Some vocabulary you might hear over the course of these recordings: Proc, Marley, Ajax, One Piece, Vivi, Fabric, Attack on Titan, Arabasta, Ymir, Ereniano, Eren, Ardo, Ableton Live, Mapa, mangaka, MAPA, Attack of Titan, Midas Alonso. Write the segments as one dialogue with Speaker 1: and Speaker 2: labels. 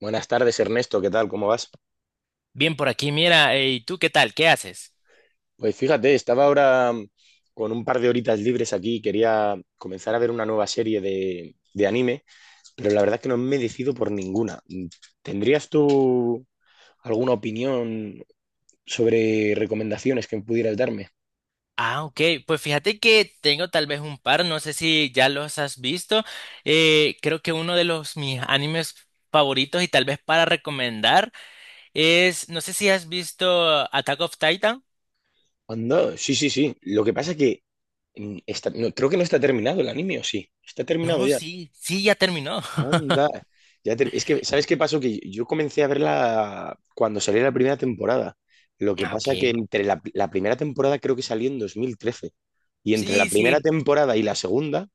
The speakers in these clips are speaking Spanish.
Speaker 1: Buenas tardes, Ernesto, ¿qué tal? ¿Cómo vas?
Speaker 2: Bien, por aquí, mira, ¿y tú qué tal? ¿Qué haces?
Speaker 1: Pues fíjate, estaba ahora con un par de horitas libres aquí, quería comenzar a ver una nueva serie de anime, pero la verdad es que no me decido por ninguna. ¿Tendrías tú alguna opinión sobre recomendaciones que pudieras darme?
Speaker 2: Ok, pues fíjate que tengo tal vez un par, no sé si ya los has visto. Creo que uno de los mis animes favoritos y tal vez para recomendar es, no sé si has visto Attack of Titan.
Speaker 1: Anda, sí, sí, sí. Lo que pasa es que no, creo que no está terminado el anime, ¿o sí? ¿Está terminado
Speaker 2: No,
Speaker 1: ya?
Speaker 2: sí, sí, ya terminó.
Speaker 1: Anda. Es que, ¿sabes qué pasó? Que yo comencé a verla cuando salió la primera temporada. Lo que
Speaker 2: Ah,
Speaker 1: pasa que
Speaker 2: ok.
Speaker 1: entre la primera temporada creo que salió en 2013. Y entre la
Speaker 2: Sí,
Speaker 1: primera
Speaker 2: sí.
Speaker 1: temporada y la segunda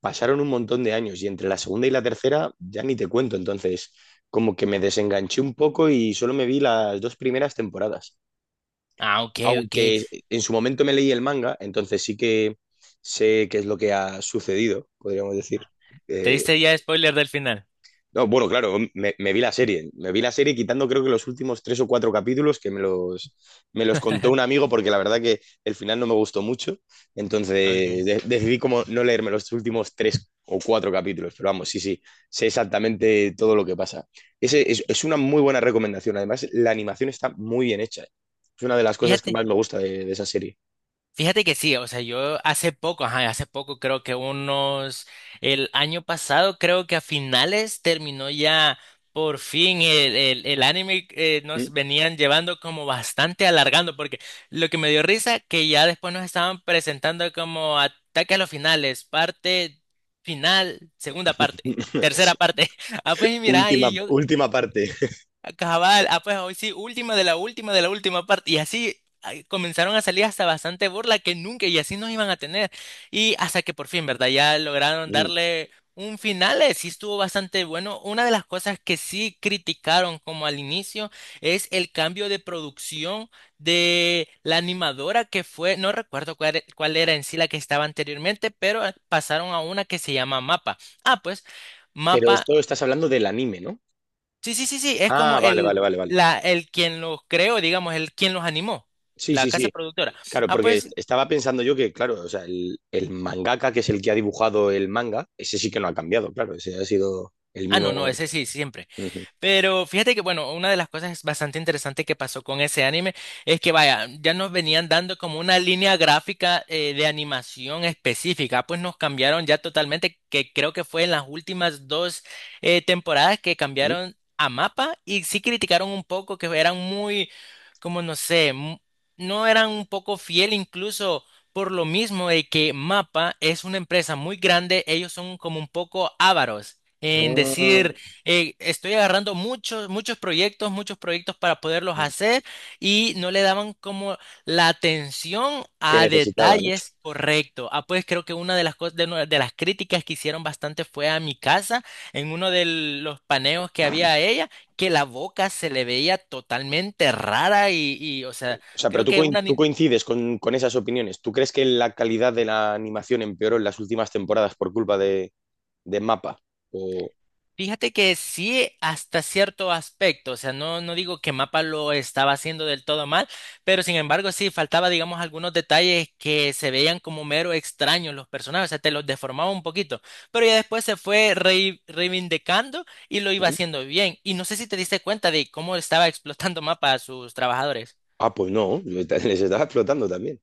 Speaker 1: pasaron un montón de años. Y entre la segunda y la tercera ya ni te cuento. Entonces, como que me desenganché un poco y solo me vi las dos primeras temporadas.
Speaker 2: Ah, ok, ok.
Speaker 1: Aunque en su momento me leí el manga, entonces sí que sé qué es lo que ha sucedido, podríamos decir.
Speaker 2: ¿Te
Speaker 1: Eh,
Speaker 2: diste ya spoiler del final?
Speaker 1: No, bueno, claro, me vi la serie. Me vi la serie quitando creo que los últimos tres o cuatro capítulos que me los contó un amigo porque la verdad que el final no me gustó mucho. Entonces
Speaker 2: Ok.
Speaker 1: decidí como no leerme los últimos tres o cuatro capítulos. Pero vamos, sí, sí, sé exactamente todo lo que pasa. Es una muy buena recomendación. Además, la animación está muy bien hecha. Es una de las cosas que
Speaker 2: Fíjate.
Speaker 1: más me gusta de esa serie.
Speaker 2: Fíjate que sí, o sea, yo hace poco, ajá, hace poco creo que unos, el año pasado creo que a finales terminó ya por fin el anime
Speaker 1: ¿Mm?
Speaker 2: nos venían llevando como bastante alargando, porque lo que me dio risa que ya después nos estaban presentando como ataque a los finales, parte final, segunda parte. Tercera parte. Ah, pues y mira, y
Speaker 1: Última,
Speaker 2: yo,
Speaker 1: última parte.
Speaker 2: cabal, ah, pues hoy sí, última de la última de la última parte. Y así ay, comenzaron a salir hasta bastante burla que nunca y así nos iban a tener. Y hasta que por fin, ¿verdad? Ya lograron
Speaker 1: Mm.
Speaker 2: darle un final. Sí estuvo bastante bueno. Una de las cosas que sí criticaron como al inicio es el cambio de producción de la animadora que fue, no recuerdo cuál, cuál era en sí la que estaba anteriormente, pero pasaron a una que se llama Mapa. Ah, pues.
Speaker 1: Pero
Speaker 2: Mapa.
Speaker 1: esto estás hablando del anime, ¿no?
Speaker 2: Sí, sí, sí, sí, es como
Speaker 1: Ah, vale, vale,
Speaker 2: el,
Speaker 1: vale, vale.
Speaker 2: la, el quien los creó, digamos, el quien los animó,
Speaker 1: Sí,
Speaker 2: la
Speaker 1: sí,
Speaker 2: casa
Speaker 1: sí.
Speaker 2: productora.
Speaker 1: Claro,
Speaker 2: Ah,
Speaker 1: porque
Speaker 2: pues,
Speaker 1: estaba pensando yo que, claro, o sea, el mangaka, que es el que ha dibujado el manga, ese sí que no ha cambiado, claro, ese ha sido el
Speaker 2: ah, no, no,
Speaker 1: mismo.
Speaker 2: ese sí, siempre.
Speaker 1: Ujú.
Speaker 2: Pero fíjate que, bueno, una de las cosas bastante interesantes que pasó con ese anime es que, vaya, ya nos venían dando como una línea gráfica de animación específica, pues nos cambiaron ya totalmente, que creo que fue en las últimas dos temporadas que
Speaker 1: ¿Mm?
Speaker 2: cambiaron a mapa y sí criticaron un poco que eran muy, como no sé, no eran un poco fiel incluso. Por lo mismo de que Mapa es una empresa muy grande, ellos son como un poco ávaros en
Speaker 1: Ah,
Speaker 2: decir estoy agarrando muchos, muchos proyectos para poderlos hacer y no le daban como la atención
Speaker 1: que
Speaker 2: a
Speaker 1: necesitaba, ¿no?
Speaker 2: detalles correcto. Ah, pues creo que una de las cosas, de, de las críticas que hicieron bastante fue a mi casa, en uno de los paneos que había a ella, que la boca se le veía totalmente rara y o sea,
Speaker 1: O sea, pero
Speaker 2: creo que una...
Speaker 1: tú coincides con esas opiniones. ¿Tú crees que la calidad de la animación empeoró en las últimas temporadas por culpa de MAPA? O...
Speaker 2: Fíjate que sí, hasta cierto aspecto, o sea, no, no digo que Mapa lo estaba haciendo del todo mal, pero sin embargo sí faltaba, digamos, algunos detalles que se veían como mero extraños los personajes, o sea, te los deformaba un poquito, pero ya después se fue reivindicando y lo iba
Speaker 1: ¿Mm?
Speaker 2: haciendo bien. Y no sé si te diste cuenta de cómo estaba explotando Mapa a sus trabajadores.
Speaker 1: Ah, pues no, yo- les estaba explotando también.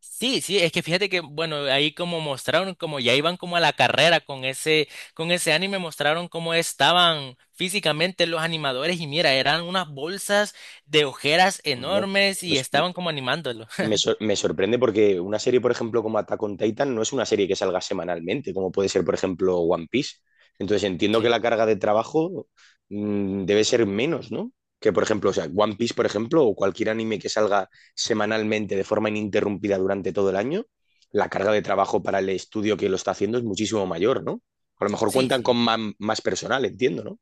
Speaker 2: Sí, sí, es que fíjate que, bueno, ahí como mostraron, como ya iban como a la carrera con ese anime, mostraron cómo estaban físicamente los animadores y mira, eran unas bolsas de ojeras
Speaker 1: Onda.
Speaker 2: enormes y
Speaker 1: Pues no.
Speaker 2: estaban como animándolo.
Speaker 1: Me sorprende porque una serie, por ejemplo, como Attack on Titan, no es una serie que salga semanalmente, como puede ser, por ejemplo, One Piece. Entonces entiendo que
Speaker 2: Sí,
Speaker 1: la carga de trabajo debe ser menos, ¿no? Que, por ejemplo, o sea, One Piece, por ejemplo, o cualquier anime que salga semanalmente de forma ininterrumpida durante todo el año, la carga de trabajo para el estudio que lo está haciendo es muchísimo mayor, ¿no? A lo mejor
Speaker 2: sí,
Speaker 1: cuentan con
Speaker 2: sí.
Speaker 1: más personal, entiendo, ¿no?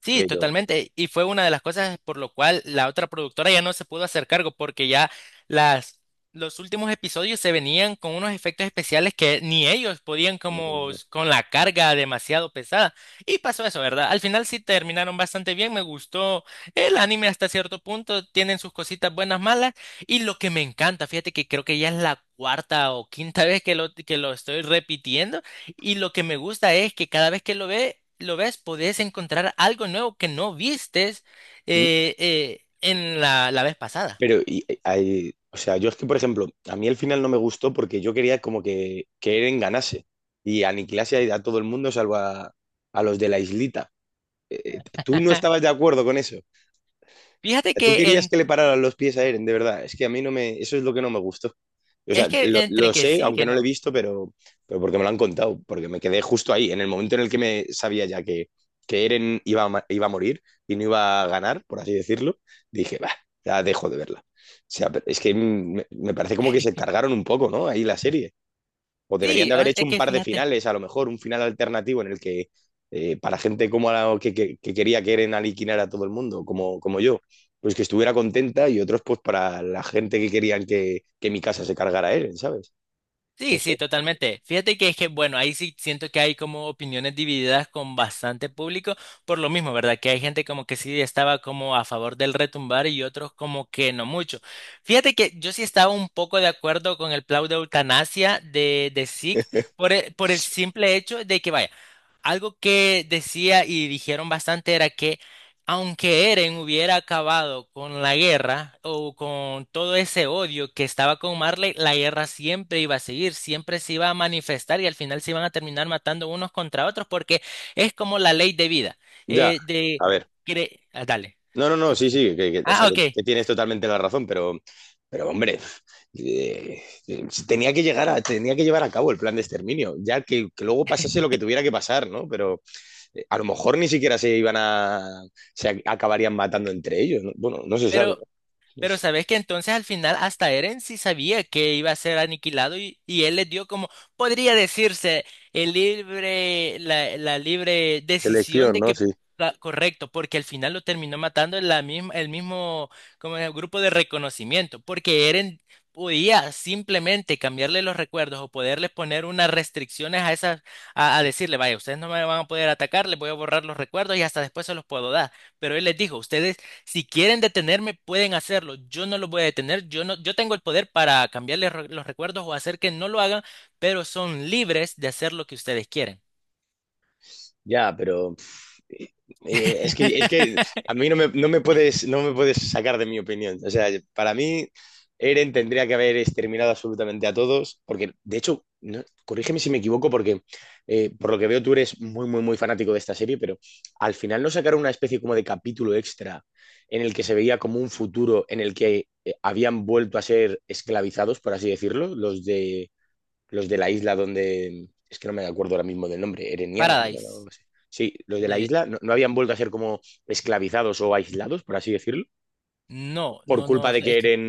Speaker 2: Sí,
Speaker 1: Pero...
Speaker 2: totalmente. Y fue una de las cosas por lo cual la otra productora ya no se pudo hacer cargo porque ya las, los últimos episodios se venían con unos efectos especiales que ni ellos podían como
Speaker 1: no,
Speaker 2: con la carga demasiado pesada. Y pasó eso, ¿verdad? Al final sí terminaron bastante bien, me gustó el anime hasta cierto punto, tienen sus cositas buenas, malas. Y lo que me encanta, fíjate que creo que ya es la cuarta o quinta vez que lo estoy repitiendo. Y lo que me gusta es que cada vez que lo ve, lo ves, podés encontrar algo nuevo que no vistes
Speaker 1: no,
Speaker 2: en la vez pasada.
Speaker 1: Pero, o sea, yo es que, por ejemplo, a mí el final no me gustó porque yo quería como que Eren ganase y aniquilase a todo el mundo salvo a los de la islita. ¿Tú no estabas de acuerdo con eso?
Speaker 2: Fíjate
Speaker 1: Tú
Speaker 2: que
Speaker 1: querías que le pararan los pies a Eren, de verdad. Es que a mí no me. Eso es lo que no me gustó. O sea,
Speaker 2: es que entre
Speaker 1: lo
Speaker 2: que
Speaker 1: sé,
Speaker 2: sí,
Speaker 1: aunque
Speaker 2: que
Speaker 1: no lo he
Speaker 2: no.
Speaker 1: visto, pero porque me lo han contado, porque me quedé justo ahí, en el momento en el que me sabía ya que Eren iba a, iba a morir y no iba a ganar, por así decirlo, dije, va, ya dejo de verla. O sea, pero es que me parece como que se cargaron un poco, ¿no? Ahí la serie. O deberían
Speaker 2: Sí,
Speaker 1: de haber hecho
Speaker 2: es
Speaker 1: un
Speaker 2: que
Speaker 1: par de
Speaker 2: fíjate.
Speaker 1: finales, a lo mejor, un final alternativo en el que para gente como la, que quería que Eren aliquinar a todo el mundo, como yo, pues que estuviera contenta y otros pues para la gente que querían que mi casa se cargara a Eren, ¿sabes?
Speaker 2: Sí,
Speaker 1: No sé.
Speaker 2: sí, totalmente. Fíjate que es que, bueno, ahí sí siento que hay como opiniones divididas con bastante público, por lo mismo, ¿verdad? Que hay gente como que sí estaba como a favor del retumbar y otros como que no mucho. Fíjate que yo sí estaba un poco de acuerdo con el plan de eutanasia de SICK por el simple hecho de que, vaya, algo que decía y dijeron bastante era que aunque Eren hubiera acabado con la guerra o con todo ese odio que estaba con Marley, la guerra siempre iba a seguir, siempre se iba a manifestar y al final se iban a terminar matando unos contra otros porque es como la ley de vida.
Speaker 1: Ya,
Speaker 2: Eh, de,
Speaker 1: a ver.
Speaker 2: Dale,
Speaker 1: No, no,
Speaker 2: ¿qué
Speaker 1: no, sí,
Speaker 2: pasó?
Speaker 1: sí, o sea,
Speaker 2: Ah, ok.
Speaker 1: que tienes totalmente la razón, pero hombre, tenía que llegar a, tenía que llevar a cabo el plan de exterminio, ya que luego pasase lo que tuviera que pasar, ¿no? Pero a lo mejor ni siquiera se iban a, acabarían matando entre ellos. ¿No? Bueno, no se sabe.
Speaker 2: Pero Pero sabes que entonces al final hasta Eren sí sabía que iba a ser aniquilado y él le dio como, podría decirse, el libre, la libre decisión
Speaker 1: Elección,
Speaker 2: de
Speaker 1: ¿no?
Speaker 2: que,
Speaker 1: Sí.
Speaker 2: correcto, porque al final lo terminó matando la misma, el mismo como el grupo de reconocimiento, porque Eren podía simplemente cambiarle los recuerdos o poderle poner unas restricciones a esas, a decirle, vaya, ustedes no me van a poder atacar, les voy a borrar los recuerdos y hasta después se los puedo dar. Pero él les dijo, ustedes si quieren detenerme, pueden hacerlo. Yo no los voy a detener. Yo no, yo tengo el poder para cambiarles los recuerdos o hacer que no lo hagan, pero son libres de hacer lo que ustedes quieren.
Speaker 1: Ya, pero es que a mí no me puedes, no me puedes sacar de mi opinión. O sea, para mí, Eren tendría que haber exterminado absolutamente a todos, porque de hecho, no- corrígeme si me equivoco, porque por lo que veo tú eres muy, muy, muy fanático de esta serie, pero al final no sacaron una especie como de capítulo extra en el que se veía como un futuro en el que habían vuelto a ser esclavizados, por así decirlo, los de la isla donde, es que no me acuerdo ahora mismo del nombre, Ereniano, ¿no? O algo
Speaker 2: Paradise.
Speaker 1: así. Sí, los de la
Speaker 2: Eh,
Speaker 1: isla no, no habían vuelto a ser como esclavizados o aislados, por así decirlo,
Speaker 2: no,
Speaker 1: por
Speaker 2: no,
Speaker 1: culpa
Speaker 2: no,
Speaker 1: de que
Speaker 2: es que
Speaker 1: Eren,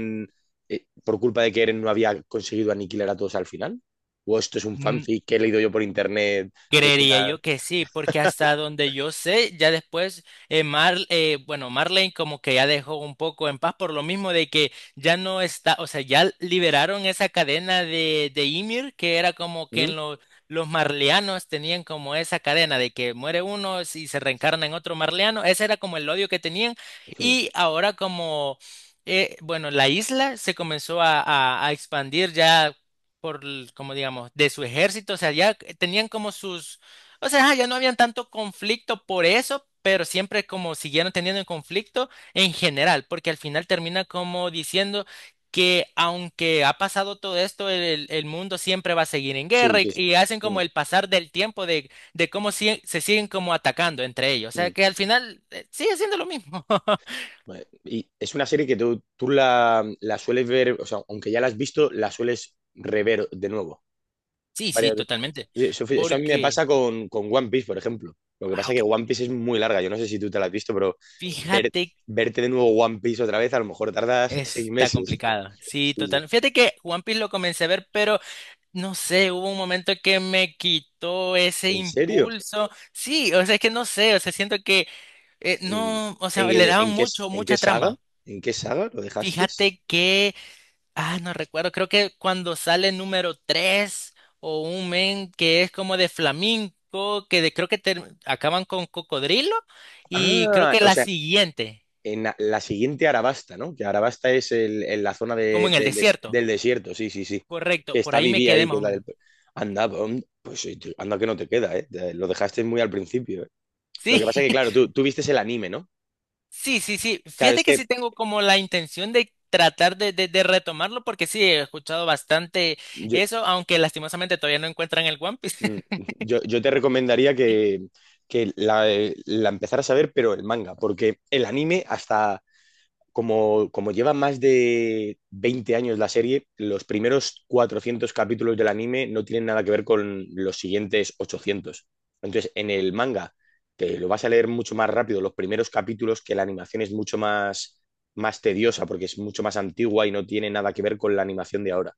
Speaker 1: por culpa de que Eren no había conseguido aniquilar a todos al final. O esto es un
Speaker 2: mm,
Speaker 1: fanfic que he leído yo por internet, que es una...
Speaker 2: creería yo que sí, porque hasta donde yo sé, ya después Mar, bueno, Marlene como que ya dejó un poco en paz por lo mismo de que ya no está, o sea, ya liberaron esa cadena de Ymir, que era como que
Speaker 1: ¿Mm?
Speaker 2: en los marleanos tenían como esa cadena de que muere uno y se reencarna en otro marleano, ese era como el odio que tenían
Speaker 1: Ujú.
Speaker 2: y ahora como... bueno, la isla se comenzó a expandir ya por, como digamos, de su ejército, o sea, ya tenían como sus, o sea, ajá, ya no habían tanto conflicto por eso, pero siempre como siguieron teniendo el conflicto en general, porque al final termina como diciendo que aunque ha pasado todo esto, el mundo siempre va a seguir en
Speaker 1: Sí,
Speaker 2: guerra
Speaker 1: que es...
Speaker 2: y hacen
Speaker 1: Mm,
Speaker 2: como el pasar del tiempo de cómo se siguen como atacando entre ellos, o
Speaker 1: mm.
Speaker 2: sea, que al final sigue siendo lo mismo.
Speaker 1: Vale. Y es una serie que tú la sueles ver, o sea, aunque ya la has visto, la sueles rever de nuevo.
Speaker 2: Sí, sí,
Speaker 1: Varias veces.
Speaker 2: totalmente,
Speaker 1: Eso a mí me
Speaker 2: porque,
Speaker 1: pasa con One Piece, por ejemplo. Lo que
Speaker 2: ah,
Speaker 1: pasa es que
Speaker 2: ok,
Speaker 1: One Piece es muy larga. Yo no sé si tú te la has visto, pero ver,
Speaker 2: fíjate
Speaker 1: verte de nuevo One Piece otra vez, a lo mejor tardas seis
Speaker 2: está
Speaker 1: meses.
Speaker 2: complicado. Sí,
Speaker 1: Sí, sí.
Speaker 2: total. Fíjate que One Piece lo comencé a ver, pero no sé, hubo un momento que me quitó ese
Speaker 1: ¿En serio?
Speaker 2: impulso. Sí, o sea, es que no sé, o sea, siento que
Speaker 1: ¿En,
Speaker 2: no, o sea, le daban
Speaker 1: ¿en qué,
Speaker 2: mucho,
Speaker 1: en
Speaker 2: mucha
Speaker 1: qué saga?
Speaker 2: trama.
Speaker 1: ¿En qué saga lo dejaste?
Speaker 2: Fíjate que, ah, no recuerdo, creo que cuando sale número 3 o un men que es como de flamenco, que creo que acaban con cocodrilo y creo
Speaker 1: Ah,
Speaker 2: que
Speaker 1: o
Speaker 2: la
Speaker 1: sea,
Speaker 2: siguiente,
Speaker 1: en la siguiente Arabasta, ¿no? Que Arabasta es en la zona
Speaker 2: como en el desierto.
Speaker 1: del desierto, sí, sí, sí.
Speaker 2: Correcto,
Speaker 1: Que
Speaker 2: por
Speaker 1: está
Speaker 2: ahí me
Speaker 1: Vivi
Speaker 2: quedé
Speaker 1: ahí, que
Speaker 2: más
Speaker 1: es
Speaker 2: o
Speaker 1: la del...
Speaker 2: menos.
Speaker 1: Anda, pues anda que no te queda, ¿eh? Lo dejaste muy al principio. Lo
Speaker 2: Sí.
Speaker 1: que pasa es que, claro, tú vistes el anime, ¿no?
Speaker 2: Sí, sí, sí.
Speaker 1: Claro, es
Speaker 2: Fíjate que
Speaker 1: que
Speaker 2: sí tengo como la intención de tratar de retomarlo porque sí, he escuchado bastante
Speaker 1: yo,
Speaker 2: eso, aunque lastimosamente todavía no encuentran el One Piece.
Speaker 1: yo te recomendaría que la empezaras a ver, pero el manga, porque el anime, hasta como lleva más de 20 años la serie, los primeros 400 capítulos del anime no tienen nada que ver con los siguientes 800. Entonces, en el manga, te lo vas a leer mucho más rápido los primeros capítulos, que la animación es mucho más, más tediosa, porque es mucho más antigua y no tiene nada que ver con la animación de ahora.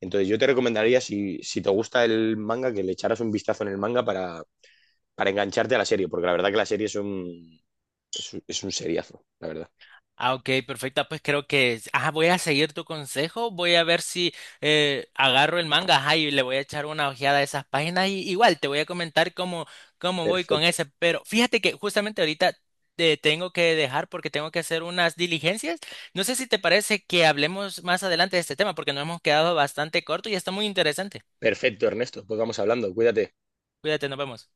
Speaker 1: Entonces yo te recomendaría, si, si te gusta el manga, que le echaras un vistazo en el manga para engancharte a la serie, porque la verdad que la serie es un, es un, es un seriazo, la verdad.
Speaker 2: Ah, ok, perfecta. Pues creo que ah, voy a seguir tu consejo. Voy a ver si agarro el manga ajá, y le voy a echar una ojeada a esas páginas. Y igual te voy a comentar cómo, cómo voy con
Speaker 1: Perfecto,
Speaker 2: ese. Pero fíjate que justamente ahorita te tengo que dejar porque tengo que hacer unas diligencias. No sé si te parece que hablemos más adelante de este tema porque nos hemos quedado bastante corto y está muy interesante.
Speaker 1: perfecto, Ernesto. Pues vamos hablando, cuídate.
Speaker 2: Cuídate, nos vemos.